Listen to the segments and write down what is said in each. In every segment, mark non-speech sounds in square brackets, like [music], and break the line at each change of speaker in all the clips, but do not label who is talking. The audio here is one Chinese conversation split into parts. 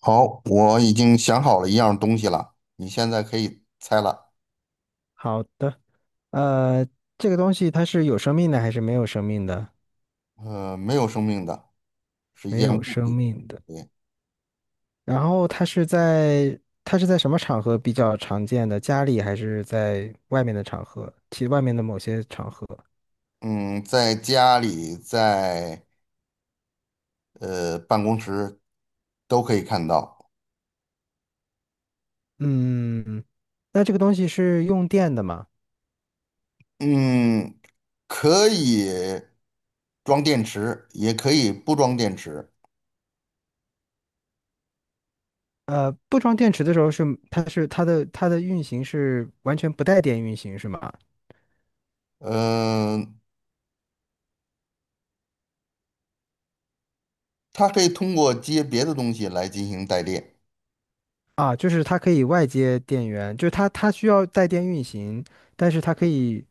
好，我已经想好了一样东西了，你现在可以猜了。
好的，呃，这个东西它是有生命的还是没有生命的？
没有生命的，是一
没
件
有
物
生
品。
命的。
对，
然后它是在什么场合比较常见的？家里还是在外面的场合？其外面的某些场合。
嗯，在家里，在办公室都可以看到。
嗯，那这个东西是用电的吗？
嗯，可以装电池，也可以不装电池。
不装电池的时候是它的运行是完全不带电运行是吗？
嗯、它可以通过接别的东西来进行带电。
啊，就是它可以外接电源，就是它需要带电运行。但是它可以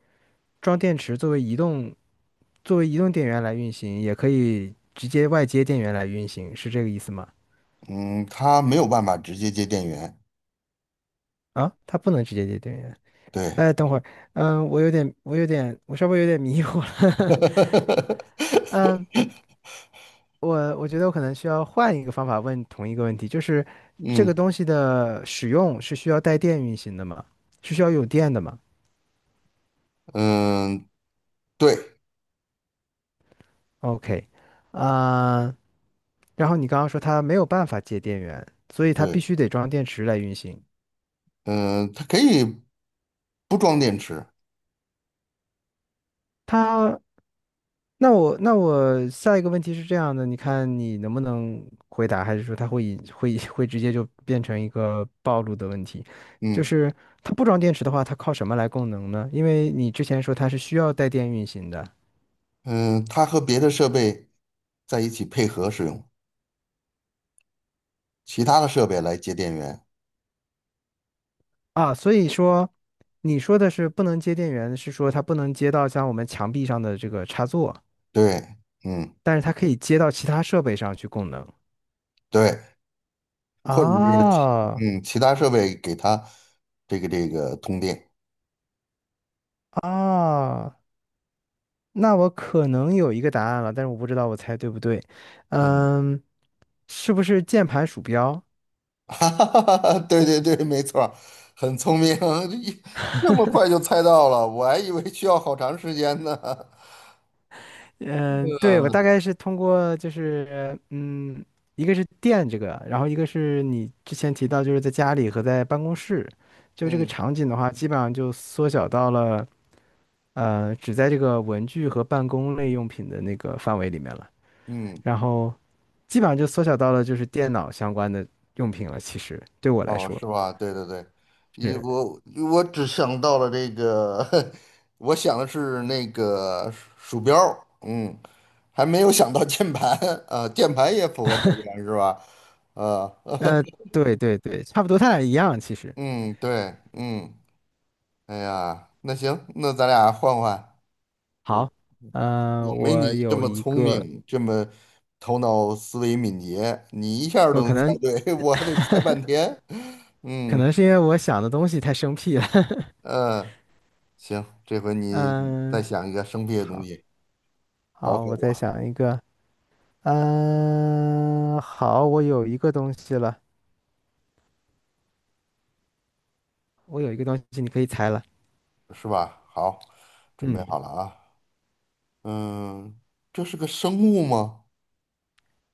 装电池作为移动电源来运行，也可以直接外接电源来运行，是这个意思吗？
嗯，它没有办法直接接电源。
啊，它不能直接接电源。
对。
哎，等会儿，嗯，我稍微有点迷糊了。[laughs] 嗯，
[laughs]
我觉得我可能需要换一个方法问同一个问题，就是这
嗯
个东西的使用是需要带电运行的吗？是需要有电的吗
嗯，对
？OK,啊、然后你刚刚说它没有办法接电源，所以它必
对，
须得装电池来运行。
嗯、它可以不装电池，
它那我下一个问题是这样的，你看你能不能回答，还是说它会引会会直接就变成一个暴露的问题？就
嗯
是它不装电池的话，它靠什么来供能呢？因为你之前说它是需要带电运行的
嗯、它和别的设备在一起配合使用，其他的设备来接电源，
啊，所以说你说的是不能接电源，是说它不能接到像我们墙壁上的这个插座，
对，嗯
但是它可以接到其他设备上去供能
对，或者是
啊
其他设备给它这个通电，
啊。那我可能有一个答案了，但是我不知道我猜对不对。
嗯，
嗯，是不是键盘鼠标？
[laughs] 哈哈哈哈，对对对，没错儿很聪明，[laughs] 这这么快就猜到了，我还以为需要好长时间呢，
嗯，对，我大
[laughs]
概是通过就是嗯，一个是电这个，然后一个是你之前提到就是在家里和在办公室，就这个
嗯
场景的话，基本上就缩小到了只在这个文具和办公类用品的那个范围里面了，
嗯。
然后基本上就缩小到了就是电脑相关的用品了。其实对我来
哦，
说
是吧？对对对，一
是。
我我只想到了这个，[laughs] 我想的是那个鼠标儿嗯，还没有想到键盘 [laughs] 啊，键盘也符合条件是吧？呃，
呃，对对对，差不多，他俩一样其实。
嗯，对，嗯，哎呀，那行，那咱俩换换，我
好，呃，
我没
我
你这
有
么
一
聪
个，
明，这么头脑思维敏捷，你一下儿都
我
能
可
猜
能
对，[laughs] 我还得猜半天，
可
嗯
能是因为我想的东西太生僻了。[laughs]
嗯。呃行，这回你再
嗯，
想一个生僻的东
好
西考
好，
考
我再
我，
想一个。嗯，好，我有一个东西了，我有一个东西，你可以猜了。
是吧？好，准备
嗯，
好了啊。嗯，这是个生物吗？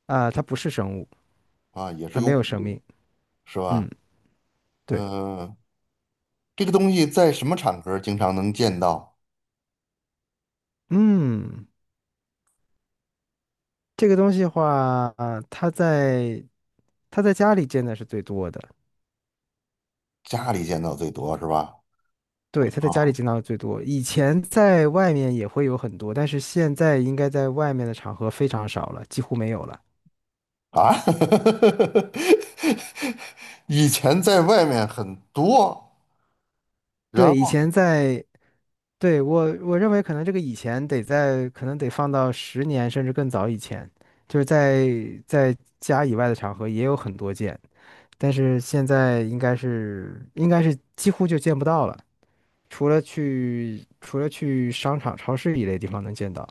啊，它不是生物，
啊，也是
它
个
没
物
有生
品，
命。
是吧？
嗯，对，
嗯，这个东西在什么场合经常能见到？
嗯，这个东西的话，啊，它在家里见的是最多的。
家里见到最多是吧？
对，他在家里
啊
见到的最多，以前在外面也会有很多，但是现在应该在外面的场合非常少了，几乎没有了。
啊，[laughs] 以前在外面很多，然
对，以
后
前在，对，我认为可能这个以前得在，可能得放到十年甚至更早以前，就是在在家以外的场合也有很多见，但是现在应该是几乎就见不到了，除了去商场、超市一类地方能见到。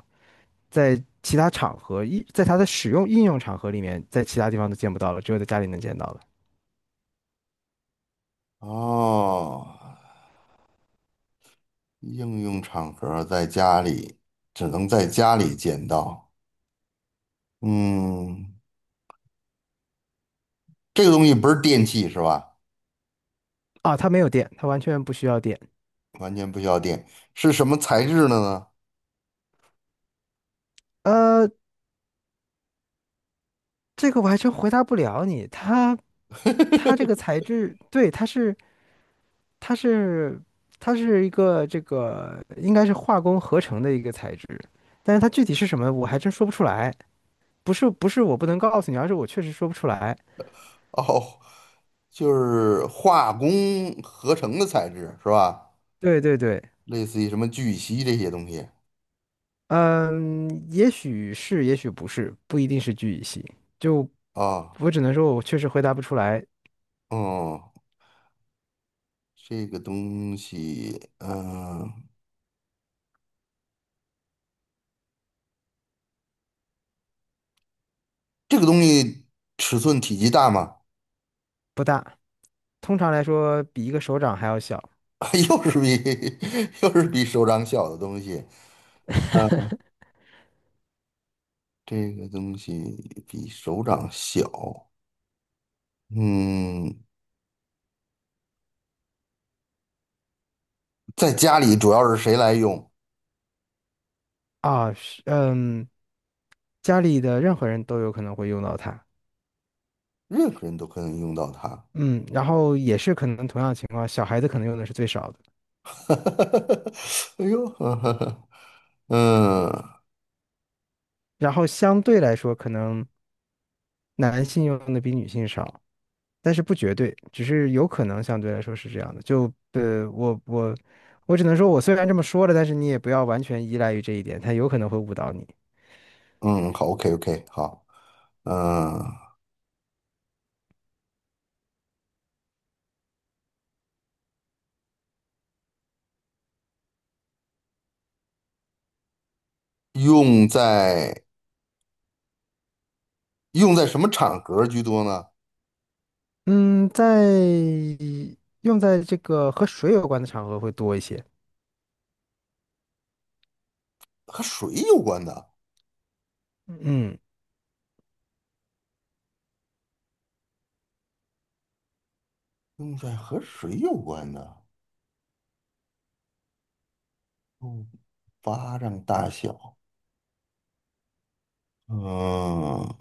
在其他场合，在它的使用应用场合里面，在其他地方都见不到了，只有在家里能见到了。
哦，应用场合在家里只能在家里见到。嗯，这个东西不是电器是吧？
啊，它没有电，它完全不需要电。
完全不需要电，是什么材质的呢？
呃，这个我还真回答不了你。它这
[laughs]
个材质，对，它是它是一个这个应该是化工合成的一个材质，但是它具体是什么，我还真说不出来。不是不是我不能告诉你，而是我确实说不出来。
哦，就是化工合成的材质是吧？
对对对。
类似于什么聚乙烯这些东西
嗯，也许是，也许不是，不一定是聚乙烯。就
啊，
我只能说，我确实回答不出来，
哦，这个东西，这个东西尺寸体积大吗？
不大。通常来说，比一个手掌还要小
[laughs] 又是比 [laughs] 又是比手掌小的东西，啊？这个东西比手掌小，嗯。在家里主要是谁来用，
啊。是嗯，家里的任何人都有可能会用到它。
任何人都可以用到它。
嗯，然后也是可能同样的情况，小孩子可能用的是最少的，
[laughs] 哎呦，[laughs] 嗯
然后相对来说，可能男性用的比女性少。但是不绝对，只是有可能相对来说是这样的。就呃，我我我只能说，我虽然这么说了，但是你也不要完全依赖于这一点，它有可能会误导你。
嗯，好，OK OK，好，嗯，用在用在什么场合居多呢？
嗯，用在这个和水有关的场合会多一些。
和水有关的，
嗯
用在和水有关的，嗯，巴掌大小，嗯，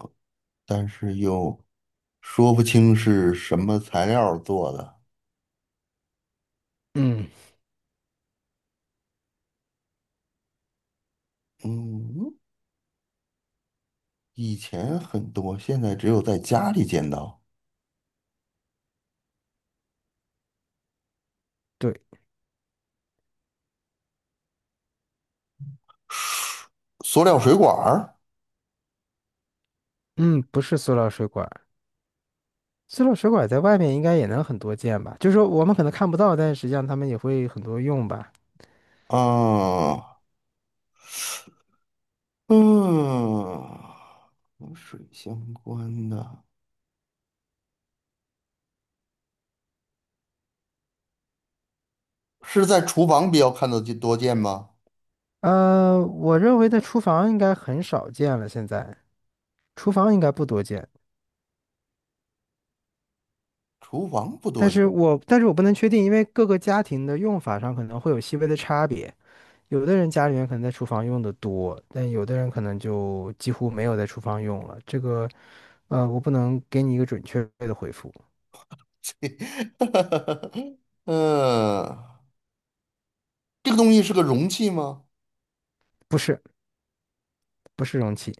但是又说不清是什么材料做的，
嗯，
嗯，以前很多，现在只有在家里见到。
对，
塑料水管儿，
嗯，不是塑料水管儿在外面应该也能很多见吧？就是说我们可能看不到，但是实际上他们也会很多用吧？
啊，嗯，和水相关的，是在厨房比较看得见多见吗？
呃，我认为在厨房应该很少见了，现在厨房应该不多见。
厨房不多见，
但是我不能确定，因为各个家庭的用法上可能会有细微的差别。有的人家里面可能在厨房用的多，但有的人可能就几乎没有在厨房用了。这个，呃，我不能给你一个准确的回复。
[laughs] 嗯，这个东西是个容器吗？
不是，不是容器，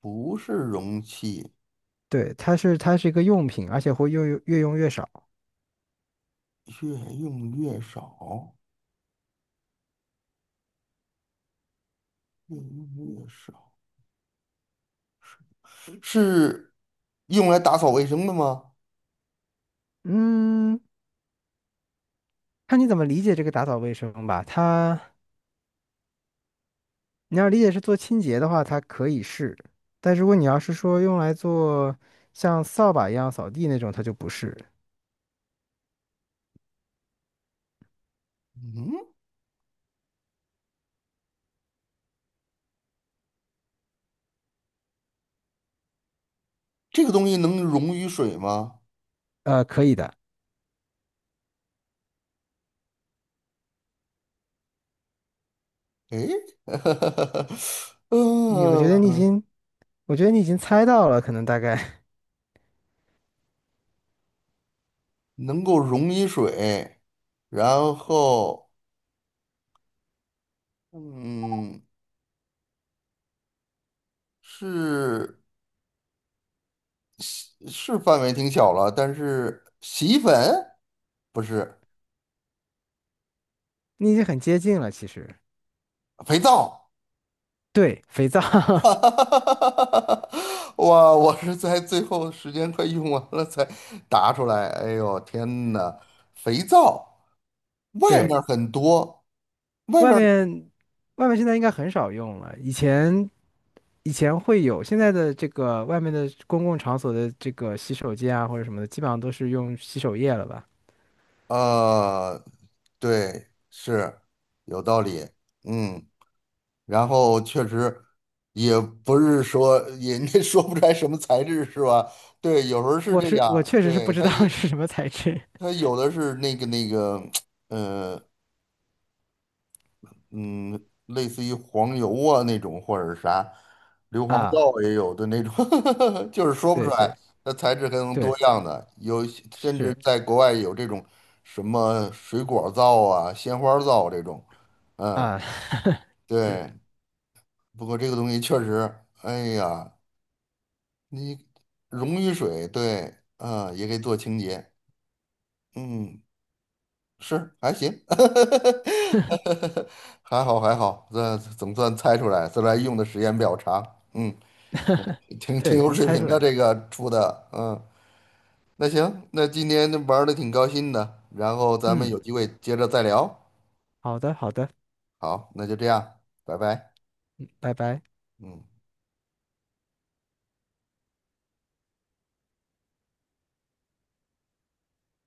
不是容器，
对，它是一个用品，而且会越用越用越少。
越用越少，越用越少，是用来打扫卫生的吗？
嗯，看你怎么理解这个打扫卫生吧。你要理解是做清洁的话，它可以是，但如果你要是说用来做像扫把一样扫地那种，它就不是。
嗯，这个东西能溶于水吗？
呃，可以的，
诶，[laughs]
你我觉得你已
嗯，
经，我觉得你已经猜到了，可能大概
能够溶于水，然后，嗯，是是范围挺小了，但是洗衣粉不是
[laughs] 你已经很接近了。其实，
肥皂，
对，肥皂，
[laughs] 哈哈哈哈哈哈！哇，我是在最后时间快用完了才答出来。哎呦，天呐，肥皂
[laughs]
外
对，
面很多，外
外
面
面现在应该很少用了，以前会有，现在的这个外面的公共场所的这个洗手间啊或者什么的，基本上都是用洗手液了吧？
呃对，是有道理，嗯，然后确实也不是说人家 [laughs] 说不出来什么材质是吧？对，有时候是这
我
样，
确实是不
对，
知道 [laughs] 是什么材质
它有的是那个，嗯嗯，类似于黄油啊那种或者是啥，硫磺
啊，
皂也有的那种，[laughs] 就是说不出
对对
来，它材质很
对，
多样的，有甚至
是
在国外有这种什么水果皂啊、鲜花皂这种，嗯，
啊是，
对。不过这个东西确实，哎呀，你溶于水，对，啊，也可以做清洁，嗯，是还行，[laughs] 还好还好，这总算猜出来，虽然用的时间比较长，嗯，挺
对，
有
能
水
猜
平
出
的
来。
这个出的，嗯，那行，那今天玩的挺高兴的，然后咱们
嗯，
有机会接着再聊，
好的好的，
好，那就这样，拜拜，
拜拜。
嗯。